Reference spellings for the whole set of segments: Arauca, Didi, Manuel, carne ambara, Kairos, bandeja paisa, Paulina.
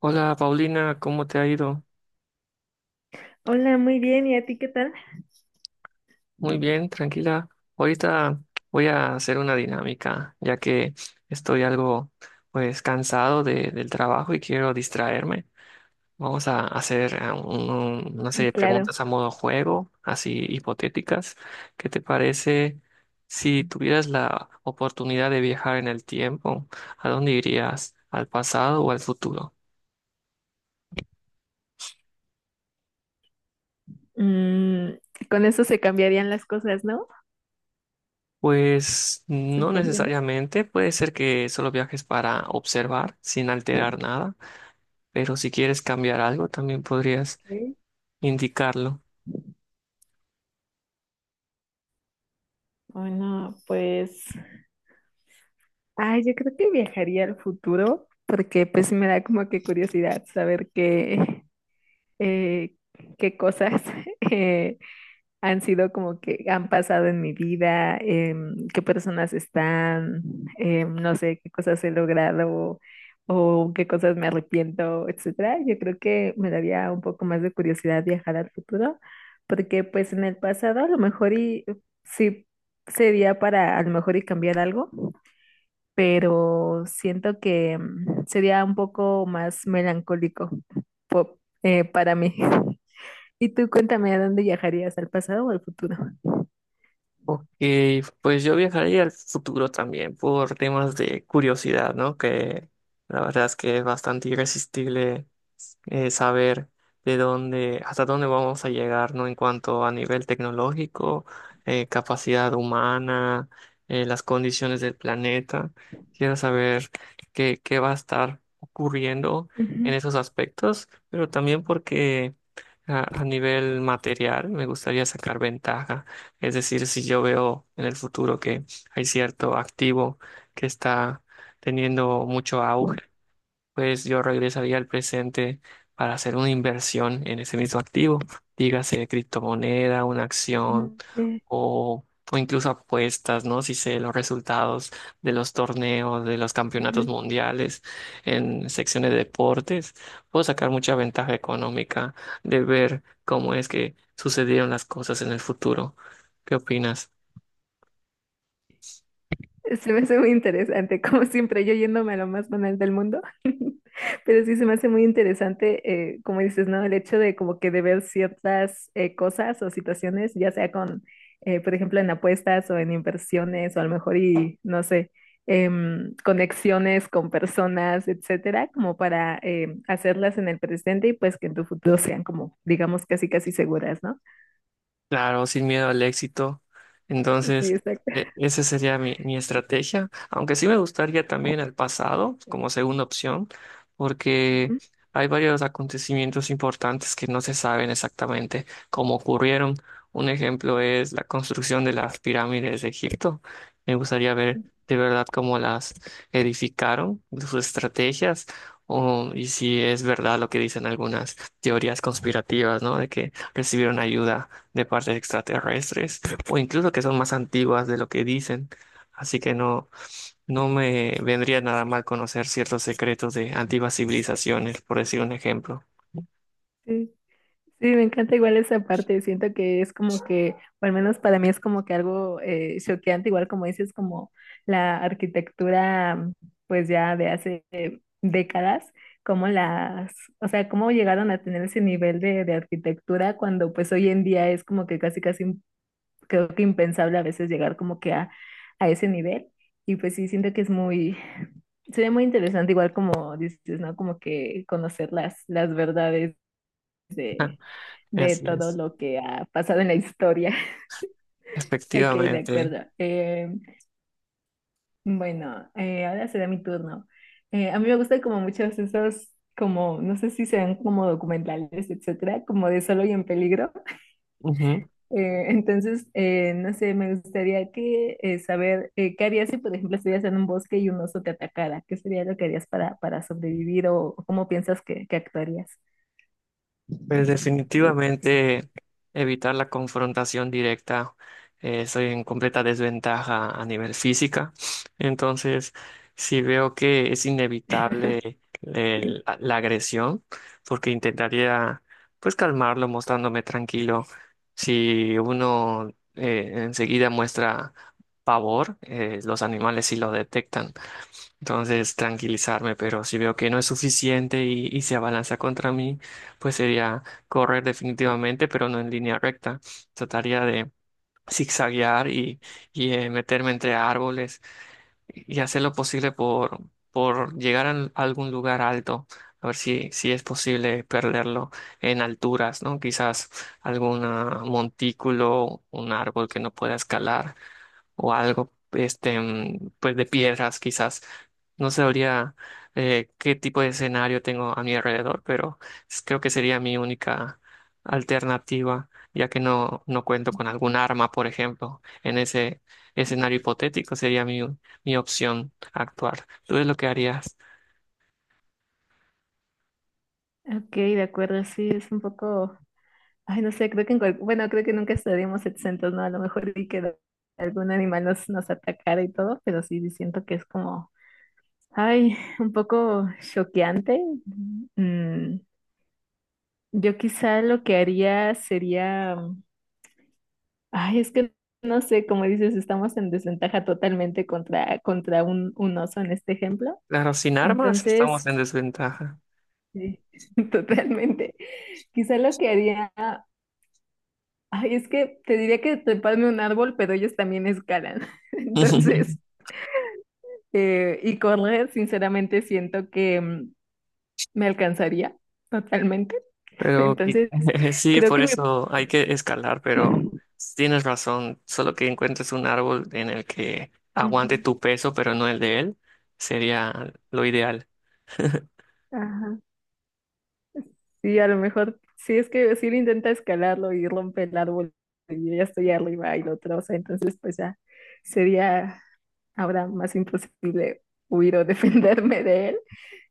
Hola Paulina, ¿cómo te ha ido? Hola, muy bien. ¿Y a ti qué tal? Muy bien, tranquila. Ahorita voy a hacer una dinámica, ya que estoy algo, pues, cansado del trabajo y quiero distraerme. Vamos a hacer una Mm, serie de claro. preguntas a modo juego, así hipotéticas. ¿Qué te parece si tuvieras la oportunidad de viajar en el tiempo? ¿A dónde irías? ¿Al pasado o al futuro? Mm, con eso se cambiarían las cosas, ¿no? Pues no Suponiendo. necesariamente, puede ser que solo viajes para observar sin alterar nada, pero si quieres cambiar algo también podrías que- indicarlo. Bueno, pues, ay, yo creo que viajaría al futuro porque pues sí me da como que curiosidad saber eh, qué cosas eh, han sido como que han pasado en mi vida, qué personas están, no sé, qué cosas he logrado o qué cosas me arrepiento, etcétera. Yo creo que me daría un poco más de curiosidad viajar al futuro, porque pues en el pasado a lo mejor y sí sería para a lo mejor y cambiar algo, pero siento que sería un poco más melancólico para mí. Y tú cuéntame, ¿a dónde viajarías, al pasado o al futuro? Ok, pues yo viajaría al futuro también por temas de curiosidad, ¿no? Que la verdad es que es bastante irresistible, saber de dónde, hasta dónde vamos a llegar, ¿no? En cuanto a nivel tecnológico, capacidad humana, las condiciones del planeta. Quiero saber qué, qué va a estar ocurriendo Ujú, en esos aspectos, pero también porque a nivel material me gustaría sacar ventaja. Es decir, si yo veo en el futuro que hay cierto activo que está teniendo mucho auge, pues yo regresaría al presente para hacer una inversión en ese mismo activo, dígase criptomoneda, una acción ujú, o, o incluso apuestas, ¿no? Si sé los resultados de los torneos, de los campeonatos ujú. mundiales en secciones de deportes, puedo sacar mucha ventaja económica de ver cómo es que sucedieron las cosas en el futuro. ¿Qué opinas? Se me hace muy interesante, como siempre, yo yéndome a lo más banal del mundo, pero sí se me hace muy interesante, como dices, ¿no? El hecho de como que de ver ciertas cosas o situaciones, ya sea con, por ejemplo, en apuestas o en inversiones o a lo mejor y, no sé, conexiones con personas, etcétera, como para hacerlas en el presente y pues que en tu futuro sean como, digamos, casi casi seguras, ¿no? Claro, sin miedo al éxito. Sí, Entonces, exacto. Esa sería mi estrategia, aunque sí me gustaría también el pasado como segunda opción, porque Ujú. hay varios acontecimientos importantes que no se saben exactamente cómo ocurrieron. Un ejemplo es la construcción de las pirámides de Egipto. Me gustaría ver de verdad cómo las edificaron, sus estrategias, o, y si es verdad lo que dicen algunas teorías conspirativas, ¿no? De que recibieron ayuda de partes extraterrestres o incluso que son más antiguas de lo que dicen. Así que no, no me vendría nada mal conocer ciertos secretos de antiguas civilizaciones, por decir un ejemplo. Sí, sí, me encanta igual esa parte. Siento que es como que, o al menos para mí es como que algo choqueante, igual como dices, como la arquitectura, pues ya de hace décadas, como las, o sea, cómo llegaron a tener ese nivel de arquitectura cuando pues hoy en día es como que casi casi creo que impensable a veces llegar como que a ese nivel. Y pues sí, siento que es muy, sería muy interesante, igual como dices, ¿no? Como que conocer las verdades de, de Así todo es, lo que ha pasado en la historia. Ok, de efectivamente. acuerdo. Bueno, ahora será mi turno. A mí me gustan como muchos esos, como, no sé si sean como documentales, etcétera, como de Solo y en Peligro. Entonces, no sé, me gustaría que saber qué harías si, por ejemplo, estuvieras en un bosque y un oso te atacara. ¿Qué sería lo que harías para sobrevivir o, cómo piensas que actuarías? Pues definitivamente evitar la confrontación directa. Estoy en completa desventaja a nivel física. Entonces, si veo que es inevitable Sí. la agresión, porque intentaría pues calmarlo mostrándome tranquilo. Si uno, enseguida muestra pavor, los animales sí lo detectan. Entonces, tranquilizarme, pero si veo que no es suficiente y se abalanza contra mí, pues sería correr definitivamente, pero no en línea recta. Trataría de zigzaguear y meterme entre árboles y hacer lo posible por llegar a algún lugar alto, a ver si, si es posible perderlo en alturas, ¿no? Quizás algún montículo, un árbol que no pueda escalar o algo, este, pues de piedras quizás. No sabría, qué tipo de escenario tengo a mi alrededor, pero creo que sería mi única alternativa, ya que no, no cuento con algún arma, por ejemplo. En ese escenario hipotético sería mi opción actuar. ¿Tú es lo que harías? Ok, de acuerdo, sí, es un poco, ay, no sé, creo que bueno, creo que nunca estaríamos exentos, ¿no? A lo mejor y que algún animal nos atacara y todo, pero sí sí siento que es como, ay, un poco choqueante. Mm, yo quizá lo que haría sería. Ay, es que no sé, como dices, estamos en desventaja totalmente contra un oso en este ejemplo. Claro, sin armas Entonces, estamos en claro, desventaja. sí, totalmente. Quizá lo que haría, ay, es que te diría que treparme a un árbol, pero ellos también escalan. Entonces, y correr, sinceramente, siento que me alcanzaría totalmente. Pero Entonces, sí, creo que por me... eso hay que escalar, pero tienes razón, solo que encuentres un árbol en el que aguante Ujú. tu peso, pero no el de él, sería lo ideal. Ajá. Sí, a lo mejor, sí es que si él intenta escalarlo y rompe el árbol y yo ya estoy arriba y lo troza, entonces pues ya sería ahora más imposible huir o defenderme de él.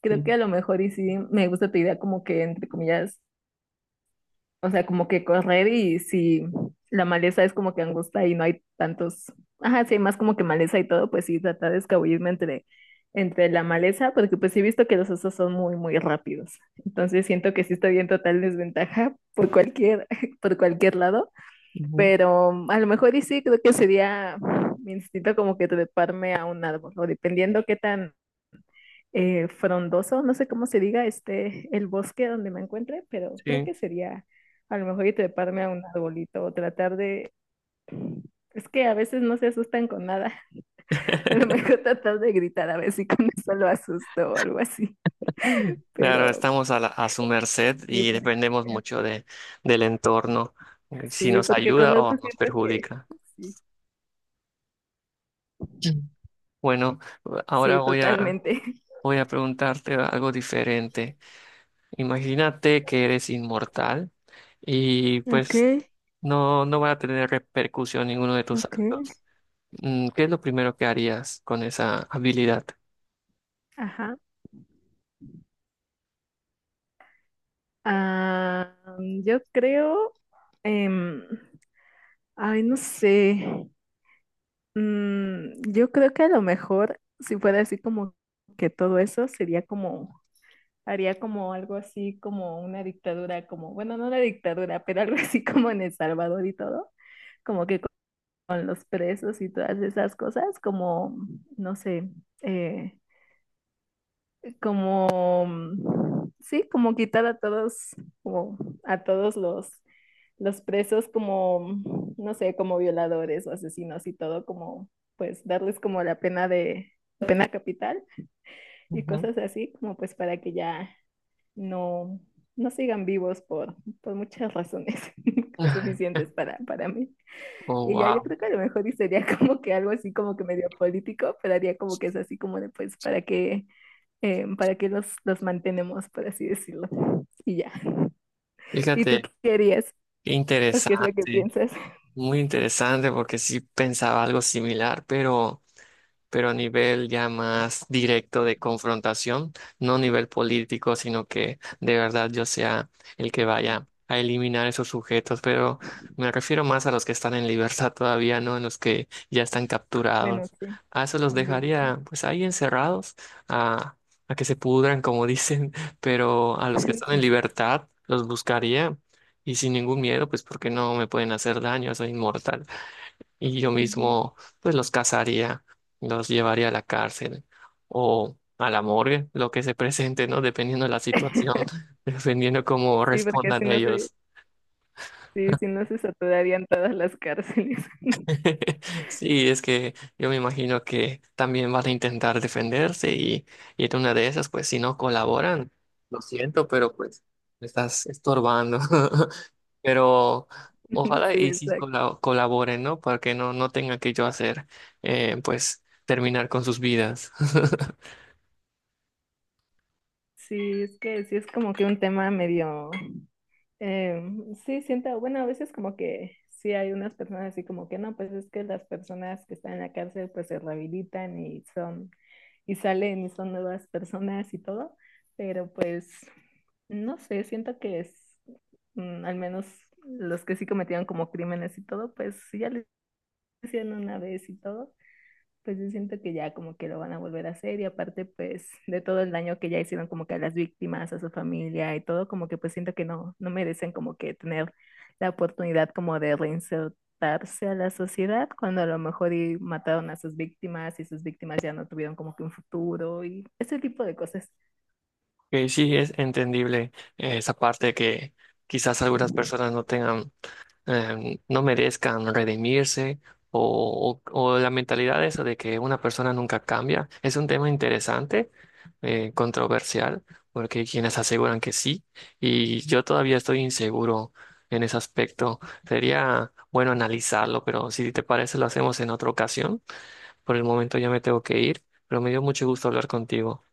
Creo Ujú, que a lo mejor y sí me gusta tu idea como que entre comillas, o sea, como que correr y si la maleza es como que angusta y no hay tantos, ajá, sí, hay más como que maleza y todo, pues sí, tratar de escabullirme entre la maleza, porque pues sí he visto que los osos son muy, muy rápidos. Entonces siento que sí estoy en total desventaja por cualquier, por cualquier lado, ujú, pero a lo mejor y sí, creo que sería mi instinto como que treparme a un árbol, o dependiendo qué tan frondoso, no sé cómo se diga, este, el bosque donde me encuentre, pero creo sí. que sería a lo mejor y treparme a un arbolito o tratar de, es que a veces no se asustan con nada, a lo mejor tratar de gritar a ver si con eso lo asusto o algo así, pero Claro, estamos a, a su merced sí, y porque, dependemos mucho de, del entorno, si sí, nos porque ayuda correr o pues nos siento que perjudica. sí, Bueno, ahora sí, voy a, totalmente. voy a preguntarte algo diferente. Imagínate que eres inmortal y Ok, pues no, no va a tener repercusión ninguno de tus ok. actos. Mm, ¿qué es lo primero que harías con esa habilidad? Ajá. Ah, yo creo, em, ay, no sé. Yo creo que a lo mejor, si fuera así como que todo eso, sería como, haría como algo así como una dictadura, como, bueno, no una dictadura, pero algo así como en El Salvador y todo, como que con los presos y todas esas cosas, como, no sé, eh, como, sí, como quitar a todos, como a todos los presos como, no sé, como violadores o asesinos y todo, como pues darles como la pena de pena capital y Ujú. cosas así, como pues para que ya no, no sigan vivos por muchas razones suficientes para mí. Oh, Y ya yo wow. creo que a lo mejor y sería como que algo así como que medio político, pero haría como que es así como de pues para que los mantenemos, por así decirlo. Y ya. ¿Y tú Fíjate, qué harías? qué ¿O qué es lo que interesante, piensas? muy interesante porque sí pensaba algo similar, pero a nivel ya más directo de confrontación, no a nivel político, sino que de verdad yo sea el que vaya a eliminar esos sujetos, pero me refiero más a los que están en libertad todavía, no en los que ya están Bueno, capturados. sí, A esos los también. dejaría pues ahí encerrados, a, a que se pudran, como dicen, pero a los que están Sí, en sí. libertad los buscaría y sin ningún miedo, pues porque no me pueden hacer daño, soy inmortal y yo Ujú. mismo pues los cazaría, los llevaría a la cárcel o a la morgue, lo que se presente, ¿no? Dependiendo de la situación, dependiendo cómo Sí, porque respondan si no se, ellos. sí, si no se saturarían todas las cárceles. Sí, es que yo me imagino que también van a intentar defenderse y en una de esas, pues si no colaboran, lo siento, pero pues me estás estorbando. Pero ojalá Sí, y sí exacto. Colaboren, ¿no? Para que no, no tenga que yo hacer, pues terminar con sus vidas. Sí, es que sí es como que un tema medio. Sí, siento, bueno, a veces como que sí hay unas personas así como que no, pues es que las personas que están en la cárcel pues se rehabilitan y y salen y son nuevas personas y todo, pero pues no sé, siento que es, al menos los que sí cometieron como crímenes y todo, pues sí ya lo hicieron una vez y todo, pues yo siento que ya como que lo van a volver a hacer y aparte pues de todo el daño que ya hicieron como que a las víctimas, a su familia y todo, como que pues siento que no, no merecen como que tener la oportunidad como de reinsertarse a la sociedad cuando a lo mejor y mataron a sus víctimas y sus víctimas ya no tuvieron como que un futuro y ese tipo de cosas. Que sí es entendible, esa parte, que quizás algunas personas no tengan, no merezcan redimirse o, o la mentalidad esa de que una persona nunca cambia. Es un tema interesante, controversial, porque hay quienes aseguran que sí y yo todavía estoy inseguro en ese aspecto. Sería bueno analizarlo, pero si te parece lo hacemos en otra ocasión. Por el momento ya me tengo que ir, pero me dio mucho gusto hablar contigo.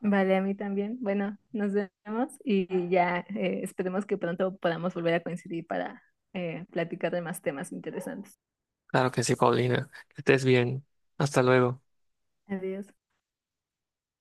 Vale, a mí también. Bueno, nos vemos y ya esperemos que pronto podamos volver a coincidir para platicar de más temas interesantes. Claro que sí, Paulina. Que estés bien. Hasta luego. Adiós.